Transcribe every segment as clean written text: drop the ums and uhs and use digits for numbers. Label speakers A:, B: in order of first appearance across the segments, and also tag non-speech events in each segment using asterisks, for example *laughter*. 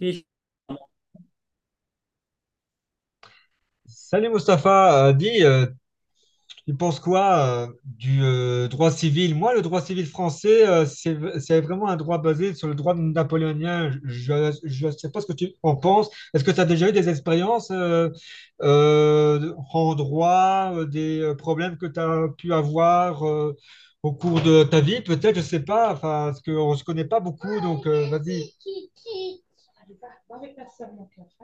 A: Et-
B: Salut Mustapha, dis, tu penses quoi du droit civil? Moi, le droit civil français, c'est vraiment un droit basé sur le droit napoléonien. Je ne sais pas ce que tu en penses. Est-ce que tu as déjà eu des expériences en droit, des problèmes que tu as pu avoir au cours de ta vie? Peut-être, je ne sais pas, enfin, parce qu'on ne se connaît pas beaucoup, donc vas-y.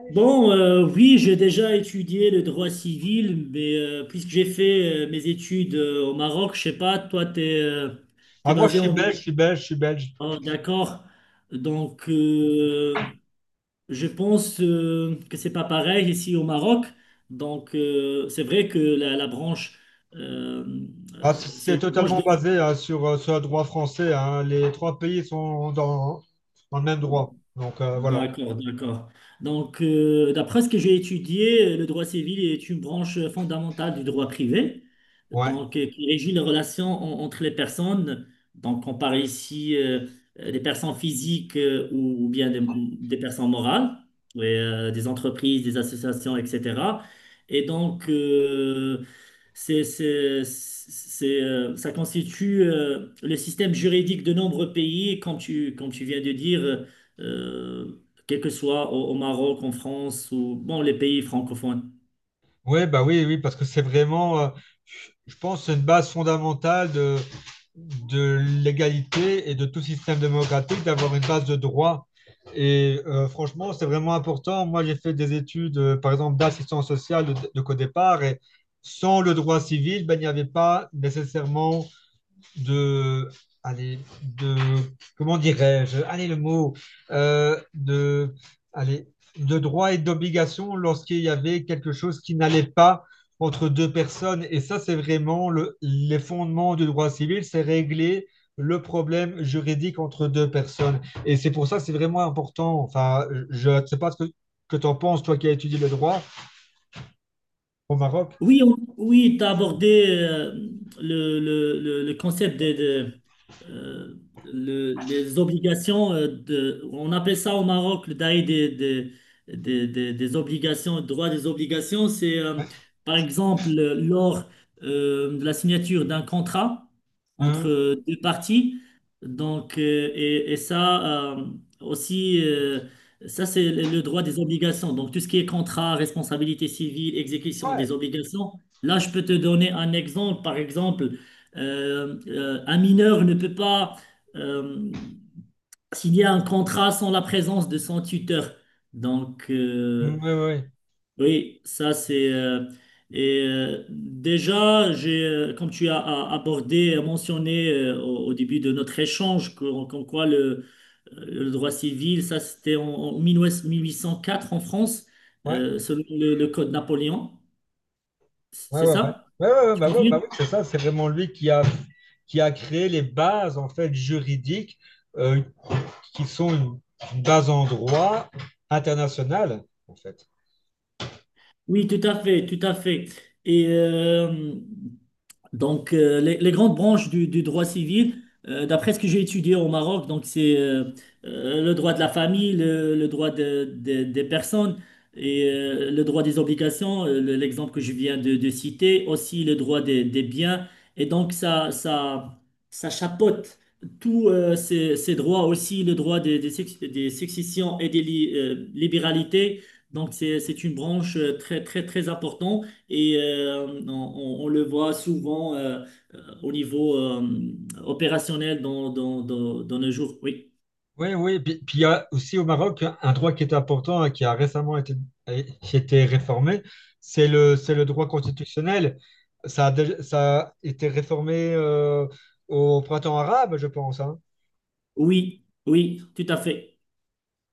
A: Bon, oui, j'ai déjà étudié le droit civil, mais puisque j'ai fait mes études au Maroc, je sais pas, toi, tu es,
B: Ah, moi, je
A: basé
B: suis
A: en
B: belge, je
A: Belgique.
B: suis belge, je suis belge.
A: Ah, d'accord. Donc, je pense que c'est pas pareil ici au Maroc. Donc, c'est vrai que la branche, euh,
B: Ah,
A: c'est
B: c'est
A: une branche
B: totalement
A: de...
B: basé, hein, sur le droit français, hein. Les trois pays sont hein, dans le même droit. Donc voilà.
A: D'accord, d'accord. Donc, d'après ce que j'ai étudié, le droit civil est une branche fondamentale du droit privé,
B: Ouais.
A: donc qui régit les relations entre les personnes. Donc, on parle ici des personnes physiques ou bien des personnes morales, et, des entreprises, des associations, etc. Et donc, c'est, ça constitue le système juridique de nombreux pays, comme tu viens de dire quel que soit au, au Maroc, en France ou bon, les pays francophones.
B: Ouais, bah oui, oui, parce que c'est vraiment, je pense, que c'est une base fondamentale de l'égalité et de tout système démocratique d'avoir une base de droit. Et franchement, c'est vraiment important. Moi, j'ai fait des études, par exemple, d'assistance sociale de codépart, et sans le droit civil, ben, il n'y avait pas nécessairement de, allez, de, comment dirais-je, allez le mot, de, allez, de droits et d'obligations lorsqu'il y avait quelque chose qui n'allait pas entre deux personnes. Et ça, c'est vraiment les fondements du droit civil, c'est régler le problème juridique entre deux personnes. Et c'est pour ça que c'est vraiment important. Enfin, je ne sais pas ce que tu en penses, toi qui as étudié le droit au Maroc.
A: Oui, oui, tu as abordé le concept des de, euh, les obligations de, on appelle ça au Maroc le dahir des obligations, droit des obligations, c'est
B: Ouais.
A: par exemple lors de la signature d'un contrat
B: Mhm.
A: entre deux parties. Donc, et ça aussi. Ça, c'est le droit des obligations. Donc, tout ce qui est contrat, responsabilité civile, exécution
B: Ouais.
A: des obligations. Là, je peux te donner un exemple. Par exemple, un mineur ne peut pas euh, signer un contrat sans la présence de son tuteur. Donc,
B: Mhm, ouais, ouais,
A: oui, ça c'est... et déjà, j'ai, comme tu as mentionné au, au début de notre échange, comme quoi le droit civil, ça c'était en, en mille huit cent quatre en France,
B: ouais.
A: selon le Code Napoléon.
B: Ouais,
A: C'est
B: ouais, ouais.
A: ça?
B: Ouais, ouais,
A: Tu
B: ouais, bah
A: confirmes?
B: oui, c'est ça, c'est vraiment lui qui a créé les bases en fait juridiques, euh, qui sont une base en droit international, en fait.
A: Oui, tout à fait, tout à fait. Et donc, les grandes branches du droit civil, d'après ce que j'ai étudié au Maroc, donc c'est le droit de la famille, le droit des personnes et le droit des obligations, l'exemple que je viens de citer, aussi le droit des biens. Et donc, ça chapeaute tous ces, ces droits, aussi le droit des, des successions et des libéralités. Donc, c'est une branche euh, très importante. Et on, on le voit souvent au niveau opérationnel dans, dans, dans nos jours. Oui,
B: Oui, oui, puis il y a aussi au Maroc un droit qui est important et qui a récemment été, qui a été réformé, c'est le droit constitutionnel. Ça a été réformé au printemps arabe, je pense, hein.
A: oui, oui, tout à fait.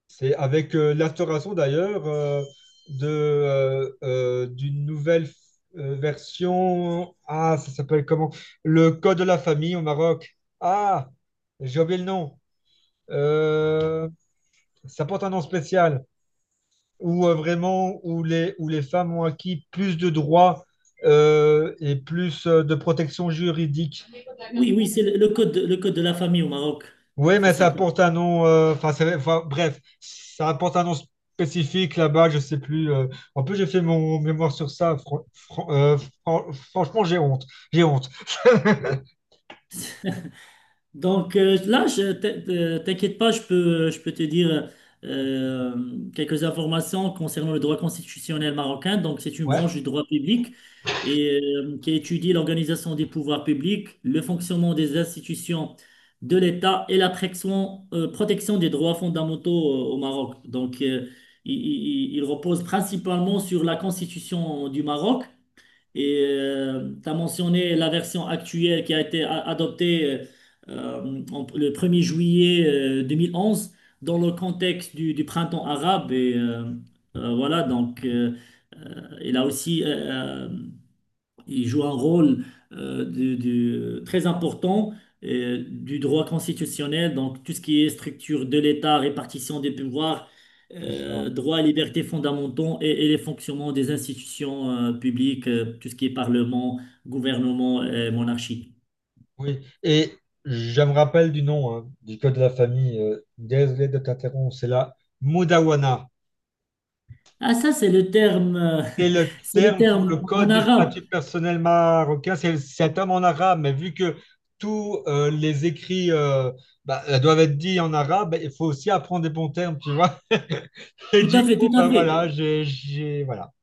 B: C'est avec l'instauration d'ailleurs d'une nouvelle version. Ah, ça s'appelle comment? Le Code de la famille au Maroc. Ah, j'ai oublié le nom. Euh, Ça porte un nom spécial. Où vraiment, où les femmes ont acquis plus de droits et plus de protection juridique.
A: Oui, oui, c'est le, le code de la famille au Maroc.
B: Oui,
A: C'est
B: mais ça
A: ça.
B: porte un nom. Enfin, enfin, bref, ça porte un nom spécifique là-bas. Je sais plus. En plus, j'ai fait mon mémoire sur ça. Franchement, j'ai honte. J'ai honte. *laughs*
A: *laughs* Donc là, t'inquiète pas, je peux te dire euh, quelques informations concernant le droit constitutionnel marocain. Donc, c'est une
B: Ouais,
A: branche du droit public et, qui étudie l'organisation des pouvoirs publics, le fonctionnement des institutions de l'État et la protection, protection des droits fondamentaux au Maroc. Donc, il, il repose principalement sur la Constitution du Maroc et tu as mentionné la version actuelle qui a été adoptée le 1er juillet 2011 dans le contexte du printemps arabe. Et voilà, donc il a aussi il joue un rôle très important du droit constitutionnel, donc tout ce qui est structure de l'État, répartition des pouvoirs,
B: c'est ça.
A: droits et libertés fondamentaux et les fonctionnements des institutions publiques, tout ce qui est parlement, gouvernement et monarchie.
B: Oui. Et je me rappelle du nom, hein, du code de la famille. Désolé de t'interrompre. C'est la Modawana.
A: Ah, ça, c'est le terme,
B: Et
A: *laughs*
B: le
A: c'est le
B: terme pour
A: terme
B: le
A: en
B: code du
A: arabe.
B: statut personnel marocain, c'est un terme en arabe, mais vu que tous les écrits doivent être dits en arabe, bah, il faut aussi apprendre des bons termes, tu vois. *laughs* Et
A: Tout
B: du
A: à fait,
B: coup,
A: tout
B: bah,
A: à fait.
B: voilà, voilà.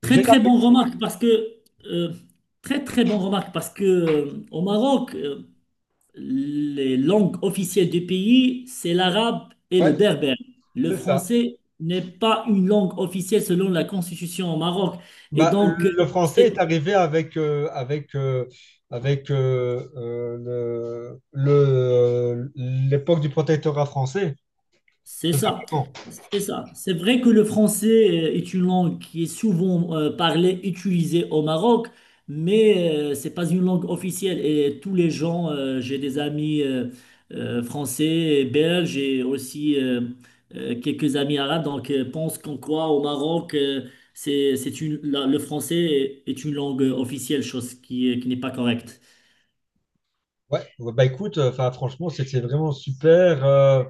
A: Très,
B: J'ai
A: très
B: tapé.
A: bonne remarque parce que, euh, très, très bonne remarque parce que au Maroc, les langues officielles du pays, c'est l'arabe et le
B: Ouais,
A: berbère. Le
B: c'est ça.
A: français n'est pas une langue officielle selon la constitution au Maroc. Et
B: Bah,
A: donc,
B: le français est
A: c'est-
B: arrivé avec euh, l'époque du protectorat français,
A: c'est
B: tout
A: ça,
B: simplement.
A: c'est ça. C'est vrai que le français est une langue qui est souvent parlée, utilisée au Maroc, mais c'est pas une langue officielle. Et tous les gens, j'ai des amis français, et belges et aussi quelques amis arabes, donc pensent qu'en quoi au Maroc, c'est une, le français est une langue officielle, chose qui n'est pas correcte.
B: Ouais, ouais, bah écoute, enfin franchement, c'était vraiment super euh,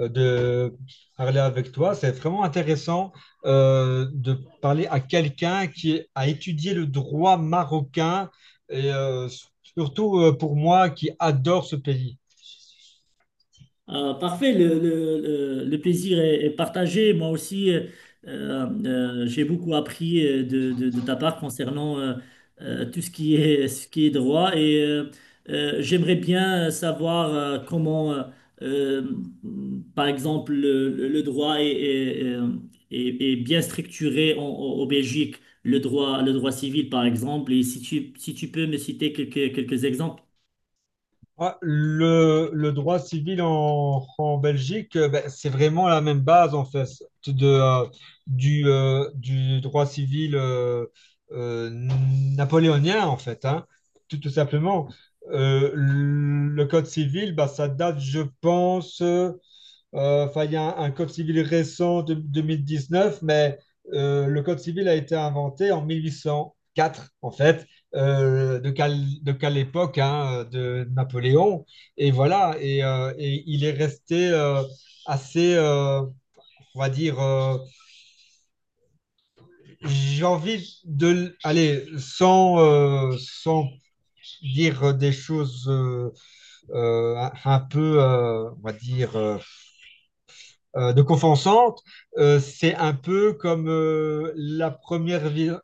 B: euh, de parler avec toi. C'est vraiment intéressant de parler à quelqu'un qui a étudié le droit marocain et surtout pour moi qui adore ce pays.
A: Parfait, le, le plaisir est, est partagé. Moi aussi, j'ai beaucoup appris de, de ta part concernant tout ce qui est droit et j'aimerais bien savoir comment, euh, par exemple, le, le droit est, est bien structuré en, en Belgique, le droit civil, par exemple. Et si tu, si tu peux me citer quelques, quelques exemples.
B: Ah, le droit civil en Belgique, ben, c'est vraiment la même base en fait de, euh, du droit civil euh, napoléonien en fait, hein, tout, tout simplement. Le code civil, bah ça date, je pense. Enfin, il y a un code civil récent de 2019, mais le code civil a été inventé en 1804, en fait, euh, de quelle, de époque, hein, de Napoléon. Et voilà, et il est resté assez, on va dire, j'ai envie de, allez, sans dire des choses euh, un peu, on va dire de Confensante, c'est un peu comme la première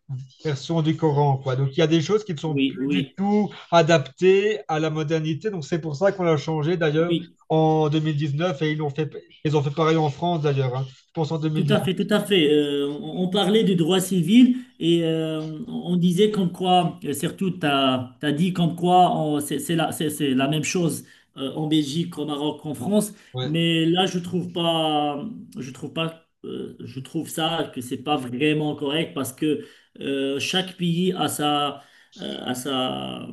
B: version du Coran, quoi. Donc il y a des choses qui ne sont
A: Oui,
B: plus du
A: oui,
B: tout adaptées à la modernité. Donc c'est pour ça qu'on l'a changé d'ailleurs
A: oui.
B: en 2019 et ils ont fait pareil en France d'ailleurs, hein. Je pense en
A: Tout à
B: 2019.
A: fait, tout à fait. On parlait du droit civil et on disait comme quoi, surtout, tu as, dit comme quoi c'est la, c'est la même chose en Belgique, au Maroc, en France,
B: Ouais.
A: mais là, je trouve pas, je trouve pas, je trouve ça que c'est pas vraiment correct parce que chaque pays a sa, euh, a sa,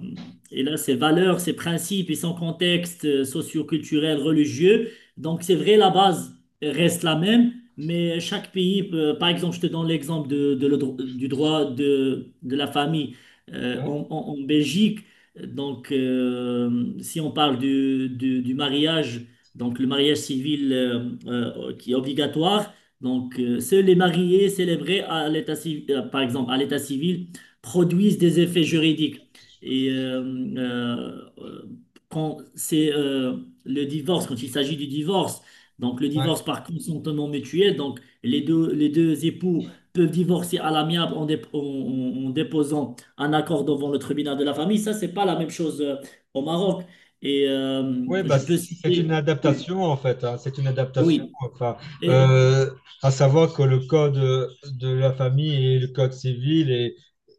A: et là, ses valeurs, ses principes et son contexte socio-culturel, religieux. Donc, c'est vrai, la base reste la même. Mais chaque pays, par exemple, je te donne l'exemple de, du droit de la famille
B: Ouais.
A: en, en Belgique. Donc, si on parle du, du mariage, donc le mariage civil qui est obligatoire, donc seuls les mariés célébrés à l'état civil, par exemple à l'état civil, produisent des effets juridiques. Et euh, euh, quand c'est le divorce, quand il s'agit du divorce. Donc, le
B: Ouais.
A: divorce par consentement mutuel, donc les deux époux peuvent divorcer à l'amiable en, en déposant un accord devant le tribunal de la famille. Ça, c'est pas la même chose au Maroc. Et
B: Oui, bah,
A: je peux
B: c'est une
A: citer. Oui,
B: adaptation en fait, hein. C'est une adaptation.
A: oui.
B: Enfin,
A: Et,
B: euh, à savoir que le code de la famille et le code civil et,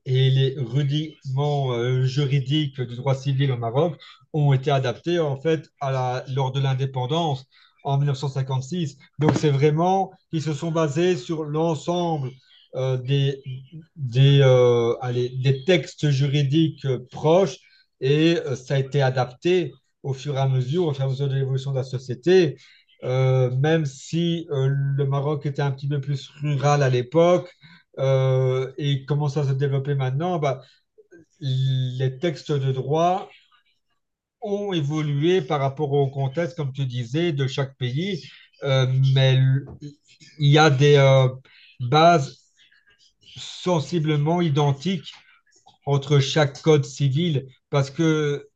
B: et les rudiments juridiques du droit civil au Maroc ont été adaptés en fait lors de l'indépendance en 1956. Donc, c'est vraiment ils se sont basés sur l'ensemble euh, des, allez, des textes juridiques proches et ça a été adapté au fur et à mesure, au fur et à mesure de l'évolution de la société. Même si le Maroc était un petit peu plus rural à l'époque et commence à se développer maintenant, bah, les textes de droit ont évolué par rapport au contexte, comme tu disais, de chaque pays. euh, mais il y a des bases sensiblement identiques entre chaque code civil parce que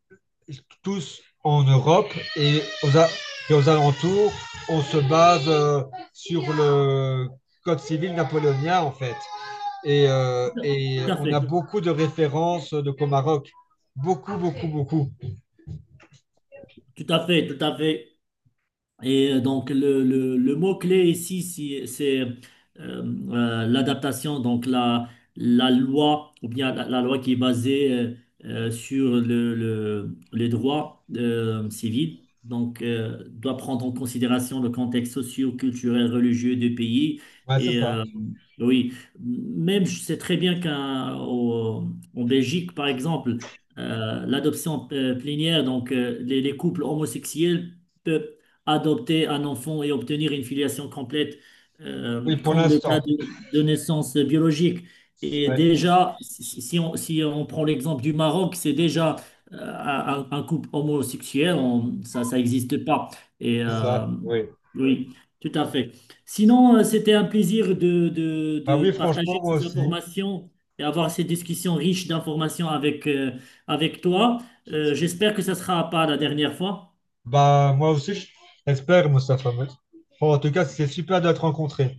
B: tous en Europe et aux alentours, on se base sur le code civil napoléonien en fait. Et
A: tout à
B: on a
A: fait.
B: beaucoup de références de Comaroc. Beaucoup, beaucoup, beaucoup.
A: Tout à fait, tout à fait. Et donc, le, le mot-clé ici, c'est euh, l'adaptation, donc la loi, ou bien la, la loi qui est basée sur le, les droits civils, donc doit prendre en considération le contexte socio-culturel, religieux du pays.
B: Ouais, c'est
A: Et
B: ça.
A: oui, même je sais très bien qu'en Belgique, par exemple, l'adoption plénière, donc les couples homosexuels, peuvent adopter un enfant et obtenir une filiation complète,
B: Oui, pour
A: comme le cas
B: l'instant.
A: de naissance biologique. Et
B: Ouais,
A: déjà, si on, si on prend l'exemple du Maroc, c'est déjà un couple homosexuel, ça, ça n'existe pas. Et
B: c'est ça. Oui.
A: oui, tout à fait. Sinon, c'était un plaisir de,
B: Bah
A: de
B: oui, franchement,
A: partager
B: moi
A: ces
B: aussi.
A: informations et avoir ces discussions riches d'informations avec, avec toi. J'espère que ça ne sera pas la dernière fois.
B: Bah moi aussi, j'espère, Moustapha. En tout cas, c'est super de te rencontrer.